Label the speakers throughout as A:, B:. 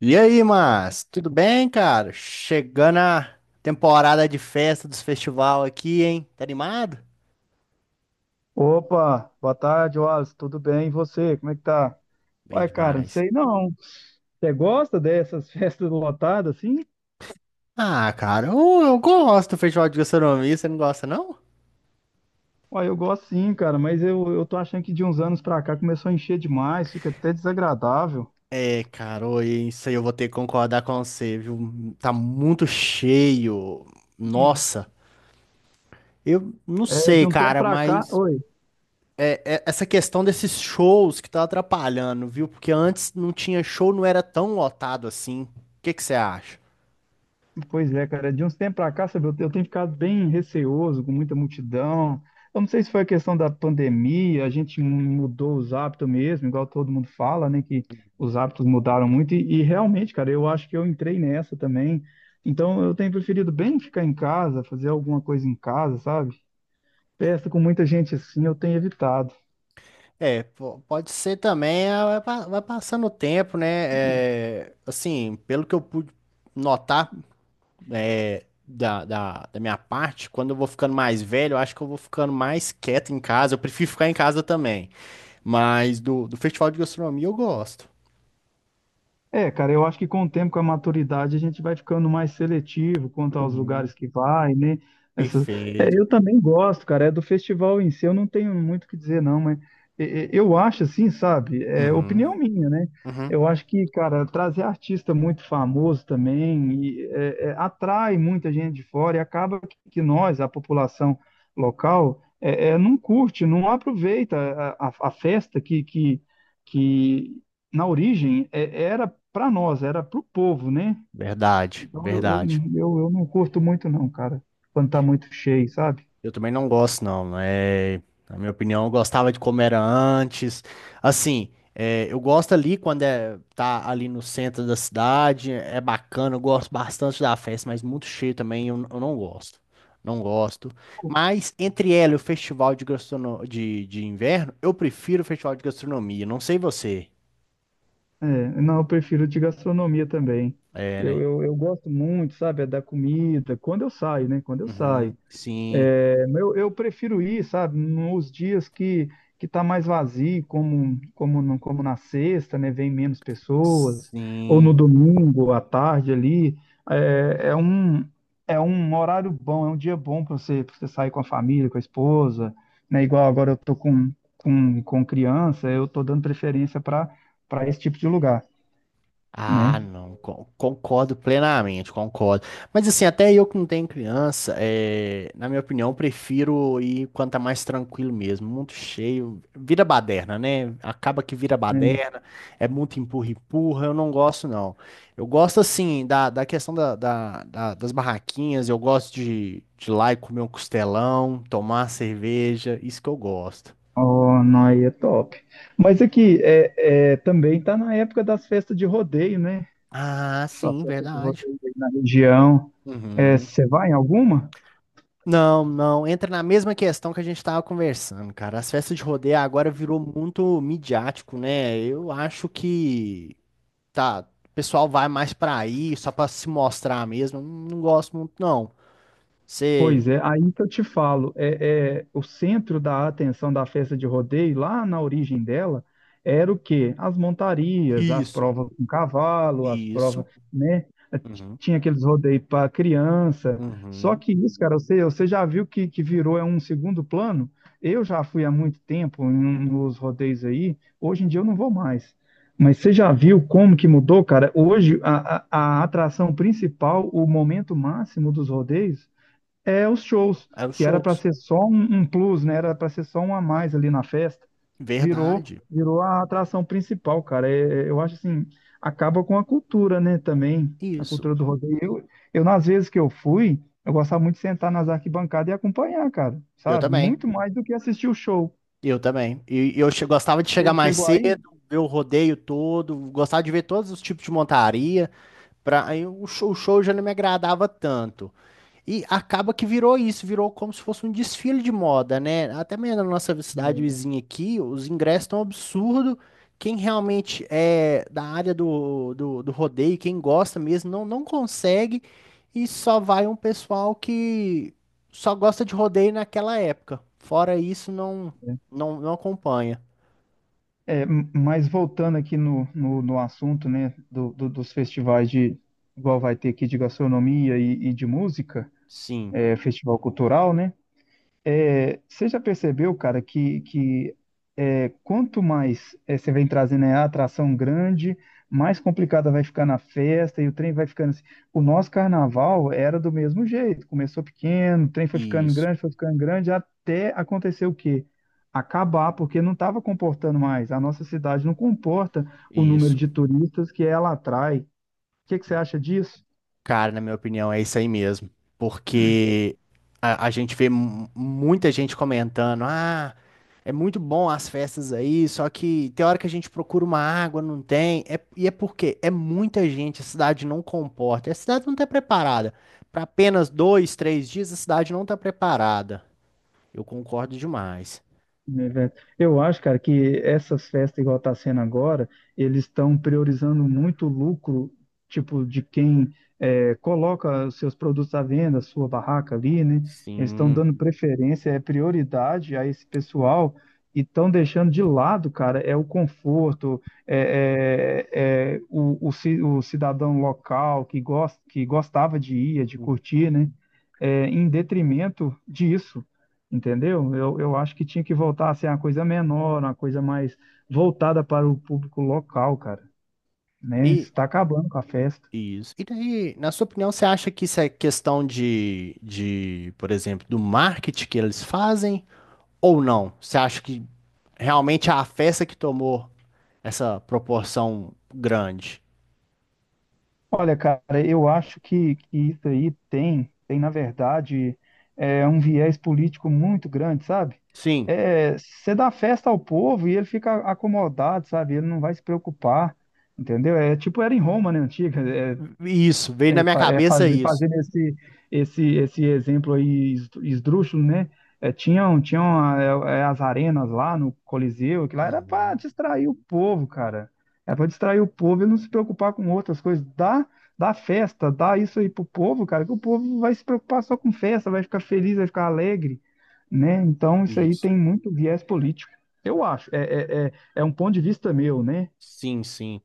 A: E aí, mas tudo bem, cara? Chegando a temporada de festa dos festival aqui, hein? Tá animado?
B: Opa, boa tarde, Wallace. Tudo bem? E você? Como é que tá?
A: Bem
B: Uai, cara, não
A: demais.
B: sei não. Você gosta dessas festas lotadas assim?
A: Ah, cara, eu gosto do festival de gastronomia, você não gosta, não?
B: Uai, eu gosto sim, cara, mas eu tô achando que de uns anos pra cá começou a encher demais, fica até desagradável.
A: É, cara, ô, isso aí eu vou ter que concordar com você, viu? Tá muito cheio. Nossa, eu não
B: É, de
A: sei,
B: um tempo
A: cara,
B: pra cá.
A: mas
B: Oi.
A: essa questão desses shows que tá atrapalhando, viu? Porque antes não tinha show, não era tão lotado assim. O que que você acha?
B: Pois é, cara, de uns tempos pra cá, sabe, eu tenho ficado bem receoso com muita multidão. Eu não sei se foi a questão da pandemia, a gente mudou os hábitos mesmo, igual todo mundo fala, né, que os hábitos mudaram muito e realmente, cara, eu acho que eu entrei nessa também. Então, eu tenho preferido bem ficar em casa, fazer alguma coisa em casa, sabe? Festa com muita gente assim, eu tenho evitado.
A: É, pode ser também, ah, vai passando o tempo, né? É, assim, pelo que eu pude notar é, da minha parte, quando eu vou ficando mais velho, eu acho que eu vou ficando mais quieto em casa. Eu prefiro ficar em casa também. Mas do festival de gastronomia eu gosto.
B: É, cara, eu acho que com o tempo, com a maturidade, a gente vai ficando mais seletivo quanto aos
A: Uhum.
B: lugares que vai, né? Essas... É,
A: Perfeito.
B: eu também gosto, cara, é do festival em si, eu não tenho muito o que dizer, não, mas eu acho assim, sabe? É
A: Uhum,
B: opinião minha, né?
A: uhum.
B: Eu acho que, cara, trazer artista muito famoso também atrai muita gente de fora e acaba que nós, a população local, não curte, não aproveita a festa que na origem era para nós, era pro povo, né?
A: Verdade,
B: Então
A: verdade.
B: eu não curto muito não, cara, quando tá muito cheio, sabe?
A: Eu também não gosto, não. É, na minha opinião, eu gostava de como era antes. Assim, é, eu gosto ali quando é, tá ali no centro da cidade, é bacana, eu gosto bastante da festa, mas muito cheio também, eu não gosto. Não gosto.
B: Co-
A: Mas entre ela e o festival de, gastrono... de inverno, eu prefiro o festival de gastronomia. Não sei você.
B: É, não, eu prefiro de gastronomia também.
A: É, né?
B: Eu gosto muito, sabe, é da comida, quando eu saio, né? Quando eu saio.
A: Uhum, sim,
B: É, eu prefiro ir, sabe, nos dias que está mais vazio, como, como, no- como na sexta, né, vem menos pessoas, ou no
A: sim.
B: domingo à tarde ali, é, é um, é um horário bom, é um dia bom para você, pra você sair com a família, com a esposa, né, igual agora eu tô com criança, eu tô dando preferência para esse tipo de lugar,
A: Ah,
B: né?
A: não, concordo plenamente, concordo. Mas assim, até eu que não tenho criança, é, na minha opinião, prefiro ir quando tá mais tranquilo mesmo, muito cheio, vira baderna, né? Acaba que vira
B: É.
A: baderna, é muito empurra-empurra, eu não gosto não. Eu gosto assim, da questão da das barraquinhas, eu gosto de ir lá e comer um costelão, tomar uma cerveja, isso que eu gosto.
B: Oh, não, aí é top. Mas aqui, também tá na época das festas de rodeio, né?
A: Ah,
B: Sua
A: sim,
B: cesta de
A: verdade.
B: vocês aí na região. É,
A: Uhum.
B: você vai em alguma?
A: Não, não, entra na mesma questão que a gente estava conversando, cara. As festas de rodeio agora virou muito midiático, né? Eu acho que tá, o pessoal vai mais pra aí só pra se mostrar mesmo. Eu não gosto muito, não. Você
B: Pois é, aí que eu te falo, o centro da atenção da festa de rodeio, lá na origem dela, era o quê? As montarias, as
A: isso,
B: provas com cavalo, as provas,
A: isso.
B: né?
A: Uhum.
B: Tinha aqueles rodeios para criança. Só
A: Uhum.
B: que isso, cara, você já viu que virou é um segundo plano? Eu já fui há muito tempo nos rodeios aí, hoje em dia eu não vou mais. Mas você já viu como que mudou, cara? Hoje, a atração principal, o momento máximo dos rodeios, é os shows,
A: É os
B: que era
A: shows.
B: para ser só um, um plus, né? Era para ser só um a mais ali na festa. Virou,
A: Verdade.
B: virou a atração principal, cara. Eu acho assim, acaba com a cultura, né, também, a
A: Isso.
B: cultura do rodeio. Nas vezes que eu fui, eu gostava muito de sentar nas arquibancadas e acompanhar, cara,
A: Eu
B: sabe?
A: também.
B: Muito mais do que assistir o show.
A: Eu também. E eu gostava de chegar
B: Você
A: mais
B: chegou aí?
A: cedo, ver o rodeio todo, gostava de ver todos os tipos de montaria. Pra, aí o show já não me agradava tanto. E acaba que virou isso, virou como se fosse um desfile de moda, né? Até mesmo na nossa cidade vizinha aqui, os ingressos estão absurdo. Quem realmente é da área do rodeio, quem gosta mesmo, não, não consegue. E só vai um pessoal que só gosta de rodeio naquela época. Fora isso, não, não, não acompanha.
B: É, mas voltando aqui no assunto, né, dos festivais de, igual vai ter aqui de gastronomia e de música,
A: Sim,
B: é, festival cultural, né? É, você já percebeu, cara, que é, quanto mais é, você vem trazendo é, a atração grande, mais complicada vai ficar na festa e o trem vai ficando assim. O nosso carnaval era do mesmo jeito, começou pequeno, o trem
A: isso,
B: foi ficando grande, até acontecer o quê? Acabar, porque não estava comportando mais. A nossa cidade não comporta o número
A: isso.
B: de turistas que ela atrai. O que que você acha disso?
A: Cara, na minha opinião, é isso aí mesmo. Porque a gente vê muita gente comentando: ah, é muito bom as festas aí, só que tem hora que a gente procura uma água, não tem. É, e é porque é muita gente, a cidade não comporta, a cidade não está preparada. Para apenas dois, três dias, a cidade não está preparada. Eu concordo demais.
B: Evento. Eu acho, cara, que essas festas igual tá sendo agora, eles estão priorizando muito o lucro, tipo, de quem é, coloca os seus produtos à venda, sua barraca ali, né? Eles estão
A: Sim.
B: dando preferência, é prioridade a esse pessoal e estão deixando de lado, cara, é o conforto, o cidadão local que gosta, que gostava de ir, de
A: Uhum.
B: curtir, né? É, em detrimento disso. Entendeu? Eu acho que tinha que voltar a ser uma coisa menor, uma coisa mais voltada para o público local, cara, né?
A: E,
B: Está acabando com a festa.
A: isso. E daí, na sua opinião, você acha que isso é questão de, por exemplo, do marketing que eles fazem ou não? Você acha que realmente é a festa que tomou essa proporção grande?
B: Olha, cara, eu acho que isso aí tem, na verdade, é um viés político muito grande, sabe?
A: Sim,
B: É, você dá festa ao povo e ele fica acomodado, sabe? Ele não vai se preocupar, entendeu? É tipo era em Roma, né, antiga, é,
A: isso. Veio na
B: É,
A: minha
B: é
A: cabeça
B: fazer,
A: isso.
B: fazendo esse exemplo aí esdrúxulo, né? É, tinham é, é, as arenas lá no Coliseu, que lá era para
A: Uhum.
B: distrair o povo, cara. Era para distrair o povo e não se preocupar com outras coisas. Dá festa, dá isso aí pro povo, cara, que o povo vai se preocupar só com festa, vai ficar feliz, vai ficar alegre, né? Então isso aí
A: Isso.
B: tem muito viés político. Eu acho, é um ponto de vista meu, né?
A: Sim, sim.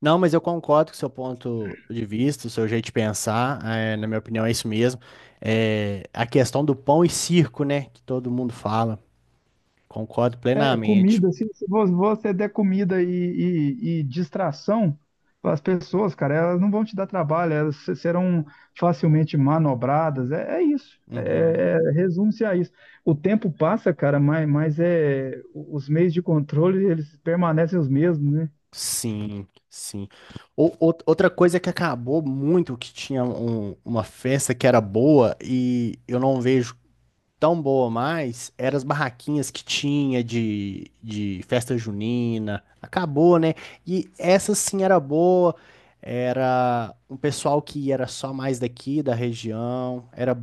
A: Não, mas eu concordo com o seu ponto de vista, o seu jeito de pensar. É, na minha opinião, é isso mesmo. É, a questão do pão e circo, né? Que todo mundo fala. Concordo
B: É,
A: plenamente.
B: comida, se vo- você der comida e distração para as pessoas, cara, elas não vão te dar trabalho, elas se- serão facilmente manobradas. É, é isso.
A: Uhum.
B: Resume-se a isso. O tempo passa, cara, os meios de controle eles permanecem os mesmos, né?
A: Sim, sim. Outra coisa que acabou muito, que tinha uma festa que era boa e eu não vejo tão boa mais, eram as barraquinhas que tinha de festa junina. Acabou, né? E essa sim era boa, era um pessoal que era só mais daqui da região, era,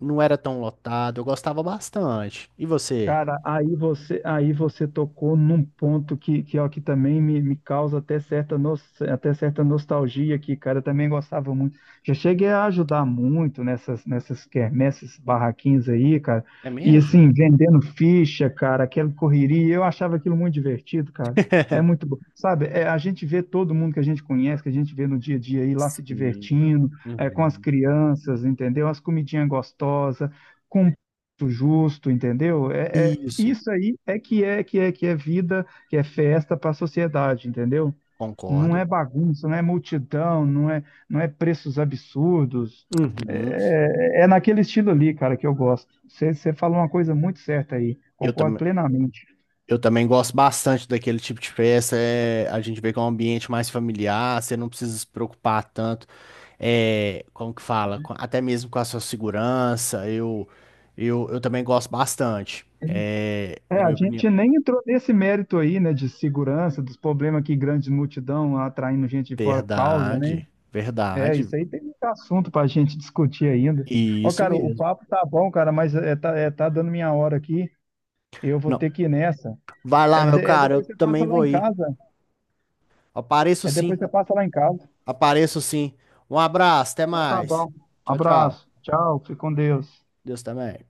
A: não era tão lotado, eu gostava bastante. E você?
B: Cara, aí você tocou num ponto que, ó, que também me causa até certa, até certa nostalgia aqui, cara. Eu também gostava muito. Já cheguei a ajudar muito nessas quermesses, barraquinhas aí, cara.
A: É
B: E
A: mesmo?
B: assim, vendendo ficha, cara, aquela correria. Eu achava aquilo muito divertido, cara. É muito bom. Sabe, é, a gente vê todo mundo que a gente conhece, que a gente vê no dia a dia aí lá se
A: Sim.
B: divertindo, é, com as
A: Uhum.
B: crianças, entendeu? As comidinhas gostosas com justo, entendeu? É,
A: Isso,
B: isso aí é que é que é que é vida, que é festa para a sociedade, entendeu? Não é
A: concordo.
B: bagunça, não é multidão, não é preços absurdos.
A: Uhum.
B: É naquele estilo ali, cara, que eu gosto. Você falou uma coisa muito certa aí,
A: Eu,
B: concordo
A: tam
B: plenamente.
A: eu também gosto bastante daquele tipo de festa. É, a gente vê que é um ambiente mais familiar, você não precisa se preocupar tanto, é, como que fala, com- até mesmo com a sua segurança. Eu também gosto bastante. É, na
B: É, a
A: minha opinião.
B: gente nem entrou nesse mérito aí, né, de segurança, dos problemas que grande multidão atraindo gente de fora causa, né?
A: Verdade,
B: É,
A: verdade.
B: isso aí tem muito assunto pra gente discutir ainda. Ó,
A: Isso
B: cara, o
A: mesmo.
B: papo tá bom, cara, tá dando minha hora aqui. Eu vou
A: Não,
B: ter que ir nessa.
A: vai
B: É,
A: lá, meu
B: é
A: cara, eu
B: depois você passa
A: também
B: lá
A: vou
B: em
A: ir.
B: casa.
A: Apareço
B: É
A: sim,
B: depois você passa lá em casa.
A: apareço sim. Um abraço, até
B: Então tá
A: mais.
B: bom.
A: Tchau, tchau.
B: Abraço. Tchau. Fique com Deus.
A: Deus também.